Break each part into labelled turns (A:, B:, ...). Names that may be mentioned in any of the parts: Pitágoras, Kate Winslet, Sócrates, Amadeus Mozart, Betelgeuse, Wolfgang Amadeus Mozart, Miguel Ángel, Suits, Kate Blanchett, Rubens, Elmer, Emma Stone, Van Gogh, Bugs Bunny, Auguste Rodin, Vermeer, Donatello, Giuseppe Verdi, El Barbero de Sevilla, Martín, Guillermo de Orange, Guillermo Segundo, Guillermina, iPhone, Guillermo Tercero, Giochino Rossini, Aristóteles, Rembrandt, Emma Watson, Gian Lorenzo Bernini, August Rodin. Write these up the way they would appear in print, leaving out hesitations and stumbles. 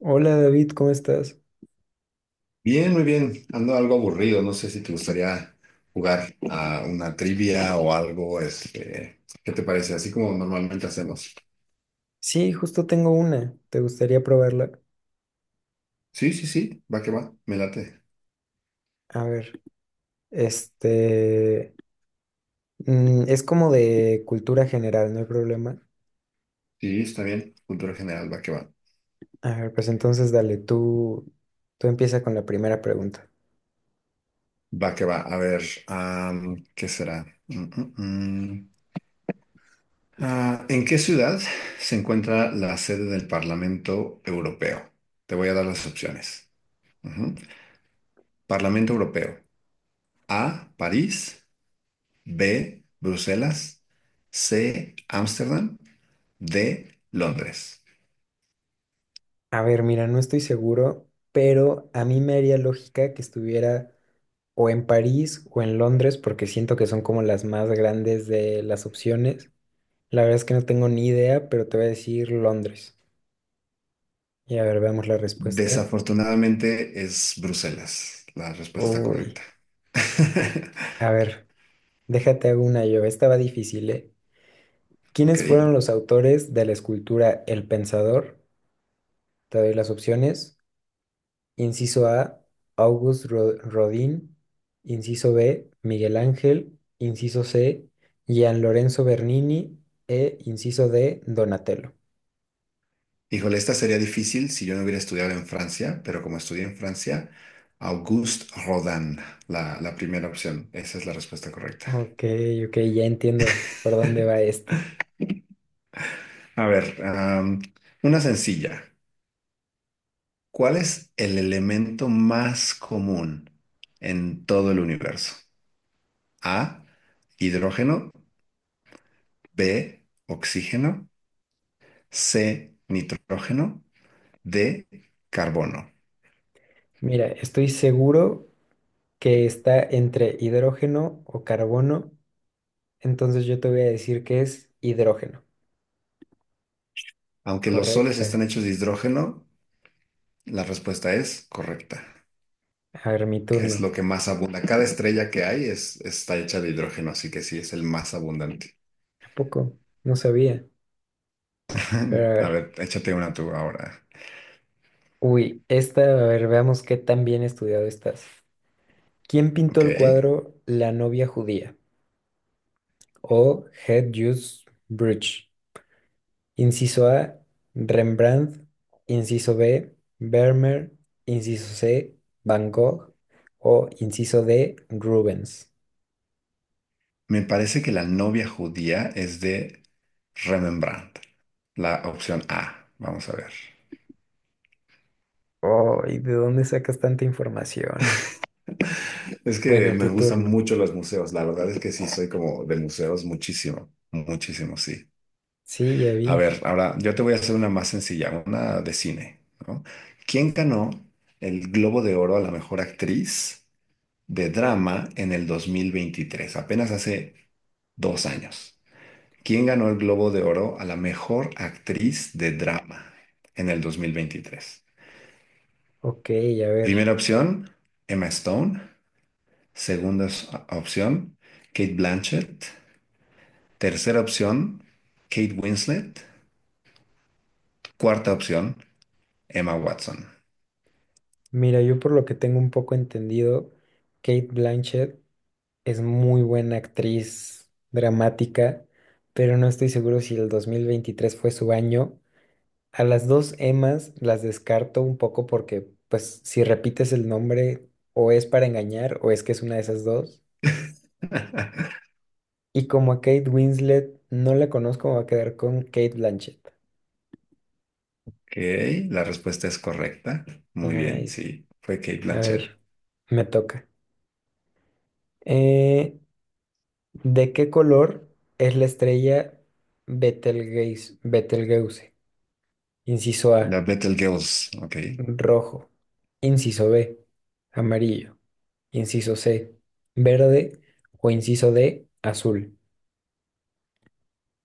A: Hola David, ¿cómo estás?
B: Bien, muy bien. Ando algo aburrido. No sé si te gustaría jugar a una trivia o algo. ¿Qué te parece? Así como normalmente hacemos.
A: Sí, justo tengo una. ¿Te gustaría probarla?
B: Sí, sí, sí. Va que va. Me late.
A: A ver, este... es como de cultura general, no hay problema.
B: Sí, está bien. Cultura general, va que va.
A: A ver, pues entonces dale, tú empieza con la primera pregunta.
B: Va que va. A ver, ¿qué será? Mm, mm, mm. Ah, ¿en qué ciudad se encuentra la sede del Parlamento Europeo? Te voy a dar las opciones. Ujú. Parlamento Europeo. A, París. B, Bruselas. C, Ámsterdam. D, Londres.
A: A ver, mira, no estoy seguro, pero a mí me haría lógica que estuviera o en París o en Londres, porque siento que son como las más grandes de las opciones. La verdad es que no tengo ni idea, pero te voy a decir Londres. Y a ver, veamos la respuesta.
B: Desafortunadamente es Bruselas la respuesta
A: Uy.
B: correcta.
A: A ver, déjate hago una yo. Estaba difícil, ¿eh?
B: Ok.
A: ¿Quiénes fueron los autores de la escultura El Pensador? Te doy las opciones. Inciso A, August Rodin. Inciso B, Miguel Ángel. Inciso C, Gian Lorenzo Bernini. E inciso D, Donatello.
B: Híjole, esta sería difícil si yo no hubiera estudiado en Francia, pero como estudié en Francia, Auguste Rodin, la primera opción. Esa es la respuesta correcta.
A: Ok, ok, ya entiendo por dónde va esto.
B: A ver, una sencilla. ¿Cuál es el elemento más común en todo el universo? A, hidrógeno. B, oxígeno. C, nitrógeno. D, carbono.
A: Mira, estoy seguro que está entre hidrógeno o carbono, entonces yo te voy a decir que es hidrógeno.
B: Aunque los soles
A: Correcta.
B: están hechos de hidrógeno, la respuesta es correcta.
A: A ver, mi
B: Es
A: turno.
B: lo que más abunda. Cada estrella que hay está hecha de hidrógeno, así que sí, es el más abundante.
A: ¿A poco? No sabía. Pero a
B: A
A: ver.
B: ver, échate una tú ahora.
A: Uy, esta, a ver, veamos qué tan bien estudiado estás. ¿Quién pintó
B: Ok.
A: el cuadro La novia judía? O Het Jules Bridge. Inciso A, Rembrandt. Inciso B, Vermeer. Inciso C, Van Gogh. O inciso D, Rubens.
B: Me parece que la novia judía es de Rembrandt. La opción A. Vamos a ver.
A: Oh, ¿y de dónde sacas tanta información?
B: Es que
A: Bueno,
B: me
A: tu
B: gustan
A: turno.
B: mucho los museos. La verdad es que sí, soy como de museos muchísimo, muchísimo, sí.
A: Sí, ya
B: A
A: vi.
B: ver, ahora yo te voy a hacer una más sencilla, una de cine, ¿no? ¿Quién ganó el Globo de Oro a la mejor actriz de drama en el 2023? Apenas hace 2 años. ¿Quién ganó el Globo de Oro a la mejor actriz de drama en el 2023?
A: Ok, a ver.
B: Primera opción, Emma Stone. Segunda opción, Kate Blanchett. Tercera opción, Kate Winslet. Cuarta opción, Emma Watson.
A: Mira, yo por lo que tengo un poco entendido, Kate Blanchett es muy buena actriz dramática, pero no estoy seguro si el 2023 fue su año. A las dos Emmas las descarto un poco porque, pues, si repites el nombre, o es para engañar, o es que es una de esas dos. Y como a Kate Winslet no la conozco, me voy a quedar con Kate Blanchett.
B: Ok, la respuesta es correcta. Muy bien,
A: Nice.
B: sí, fue Kate
A: A
B: Blanchett.
A: ver, me toca. Eh, ¿De qué color es la estrella Betelgeuse? Betelgeuse. Inciso A,
B: La Betelgeuse, ok.
A: rojo. Inciso B, amarillo. Inciso C, verde. O inciso D, azul.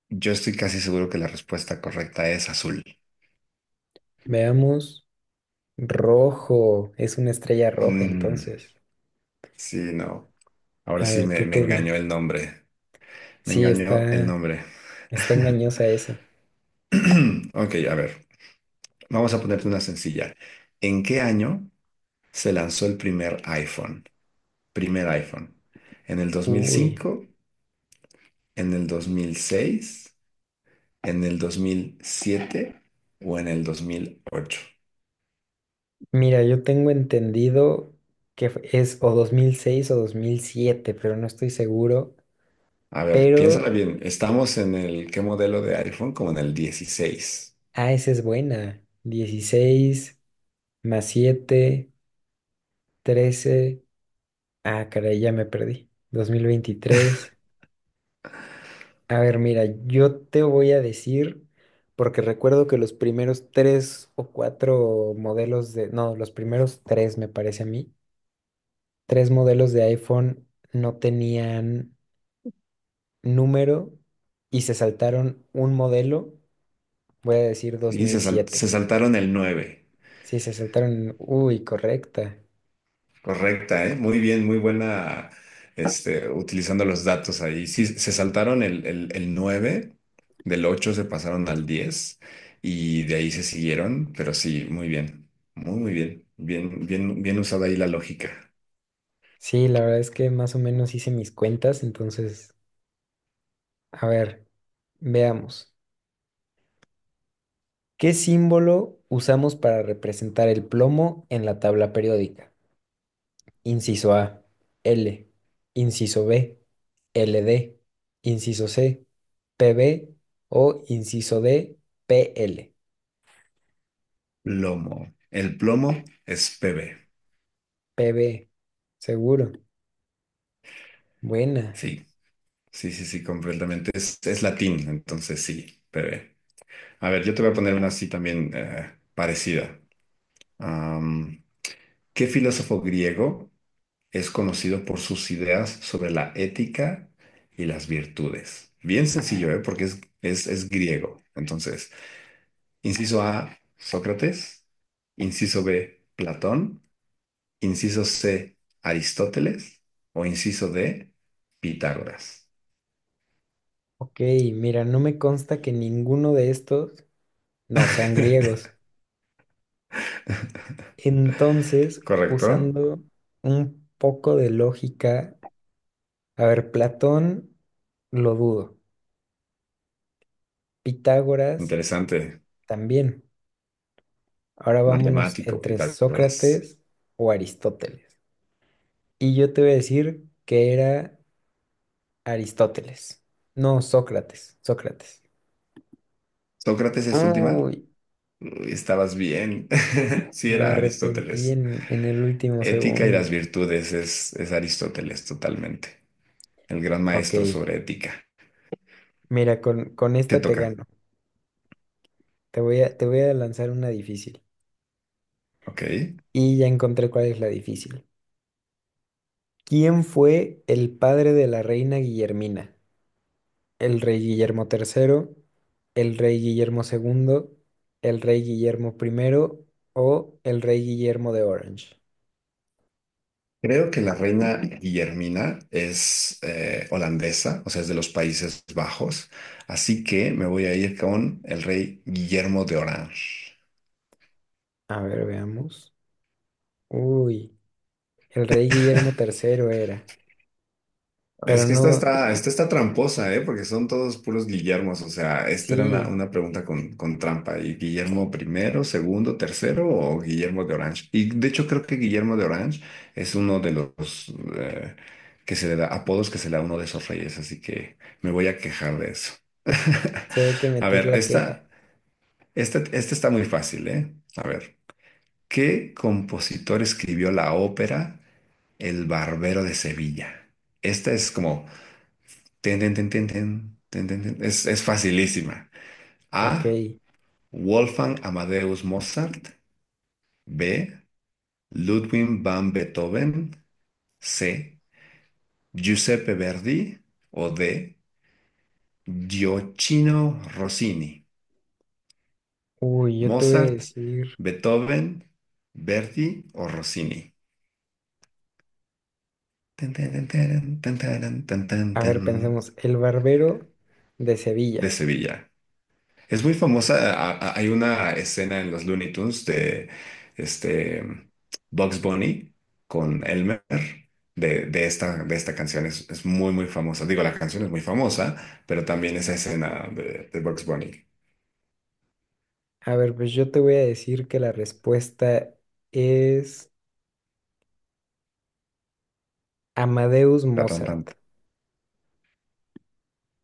B: Yo estoy casi seguro que la respuesta correcta es azul.
A: Veamos. Rojo. Es una estrella roja,
B: Mm,
A: entonces.
B: sí, no. Ahora
A: A
B: sí
A: ver,
B: me,
A: tu
B: me
A: turno.
B: engañó el nombre. Me
A: Sí,
B: engañó el
A: está,
B: nombre.
A: está engañosa esa.
B: Ok, a ver, vamos a ponerte una sencilla. ¿En qué año se lanzó el primer iPhone? Primer iPhone. ¿En el dos mil
A: Uy.
B: cinco en el 2006, en el 2007 o en el 2008?
A: Mira, yo tengo entendido que es o 2006 o 2007, pero no estoy seguro.
B: A ver, piénsala
A: Pero,
B: bien. Estamos en el, ¿qué modelo de iPhone? Como en el 16.
A: ah, esa es buena. 16 más 7, 13. Ah, caray, ya me perdí. 2023. A ver, mira, yo te voy a decir, porque recuerdo que los primeros tres o cuatro modelos de, no, los primeros tres me parece a mí, tres modelos de iPhone no tenían número y se saltaron un modelo, voy a decir
B: Se
A: 2007.
B: saltaron el nueve.
A: Sí, se saltaron, uy, correcta.
B: Correcta, ¿eh? Muy bien, muy buena, utilizando los datos ahí. Sí, se saltaron el 9 del 8, se pasaron al 10 y de ahí se siguieron, pero sí, muy bien, muy, muy bien, bien, bien, bien usada ahí la lógica.
A: Sí, la verdad es que más o menos hice mis cuentas, entonces, a ver, veamos. ¿Qué símbolo usamos para representar el plomo en la tabla periódica? Inciso A, L. Inciso B, LD. Inciso C, PB. O inciso D, PL.
B: Plomo. El plomo es PB.
A: PB. Seguro. Buena.
B: Sí, sí, sí, sí, completamente. Es latín, entonces sí, PB. A ver, yo te voy a poner una así también parecida. Am, ¿qué filósofo griego? Es conocido por sus ideas sobre la ética y las virtudes. Bien sencillo, ¿eh? Porque es griego. Entonces, inciso A, Sócrates. Inciso B, Platón. Inciso C, Aristóteles. O inciso D, Pitágoras.
A: Ok, mira, no me consta que ninguno de estos no sean griegos. Entonces,
B: ¿Correcto?
A: usando un poco de lógica, a ver, Platón lo dudo, Pitágoras
B: Interesante.
A: también. Ahora vámonos
B: Matemático,
A: entre
B: Pitágoras.
A: Sócrates o Aristóteles. Y yo te voy a decir que era Aristóteles, no Sócrates, Sócrates.
B: ¿Sócrates es tu última?
A: Uy,
B: Uy, estabas bien. Sí,
A: me
B: era
A: arrepentí
B: Aristóteles.
A: en el último
B: Ética y las
A: segundo.
B: virtudes es Aristóteles totalmente, el gran
A: Ok,
B: maestro sobre ética.
A: mira, con
B: Te
A: esta te
B: toca,
A: gano. Te voy a lanzar una difícil.
B: ok.
A: Y ya encontré cuál es la difícil. ¿Quién fue el padre de la reina Guillermina? ¿El rey Guillermo Tercero, el rey Guillermo Segundo, el rey Guillermo Primero o el rey Guillermo de Orange?
B: Creo que la reina Guillermina es holandesa, o sea, es de los Países Bajos, así que me voy a ir con el rey Guillermo de Orange.
A: A ver, veamos. Uy, el rey Guillermo Tercero era, pero
B: Es que
A: no,
B: esta está tramposa, ¿eh? Porque son todos puros Guillermos. O sea, esta era una,
A: sí,
B: una pregunta con trampa. ¿Y Guillermo primero, segundo, tercero o Guillermo de Orange? Y de hecho creo que Guillermo de Orange es uno de los que se le da, apodos que se le da a uno de esos reyes. Así que me voy a quejar de eso.
A: sí hay que
B: A
A: meter
B: ver,
A: la queja.
B: esta está muy fácil, ¿eh? A ver, ¿qué compositor escribió la ópera El Barbero de Sevilla? Esta es como tin, tin, tin, tin, tin, tin, tin, tin. Es facilísima.
A: Ok,
B: A. Wolfgang Amadeus Mozart. B. Ludwig van Beethoven. C. Giuseppe Verdi. O D. Giochino Rossini.
A: uy, yo te voy a
B: Mozart,
A: decir,
B: Beethoven, Verdi o Rossini. Tin, tin, tin, tin, tin, tin, tin, tin,
A: a
B: tin.
A: ver, pensemos, el barbero de
B: De
A: Sevilla.
B: Sevilla. Es, muy famosa. Hay una escena en los Looney Tunes de este Bugs Bunny con Elmer de esta canción. Es muy, muy famosa. Digo, la canción es muy famosa, pero también esa escena de Bugs Bunny.
A: A ver, pues yo te voy a decir que la respuesta es... Amadeus
B: La tan, tan.
A: Mozart.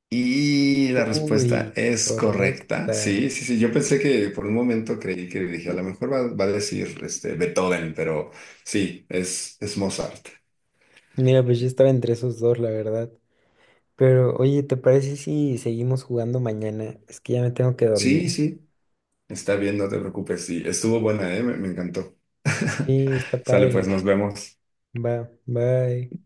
B: Y la respuesta
A: Uy,
B: es correcta.
A: correcta.
B: Sí, sí, sí. Yo pensé que por un momento creí que dije, a lo mejor va a decir Beethoven, pero sí, es Mozart.
A: Mira, pues yo estaba entre esos dos, la verdad. Pero, oye, ¿te parece si seguimos jugando mañana? Es que ya me tengo que
B: Sí,
A: dormir.
B: sí. Está bien, no te preocupes. Sí, estuvo buena, ¿eh? Me encantó.
A: Sí, está
B: Sale, pues
A: padre.
B: nos vemos.
A: Va, bye.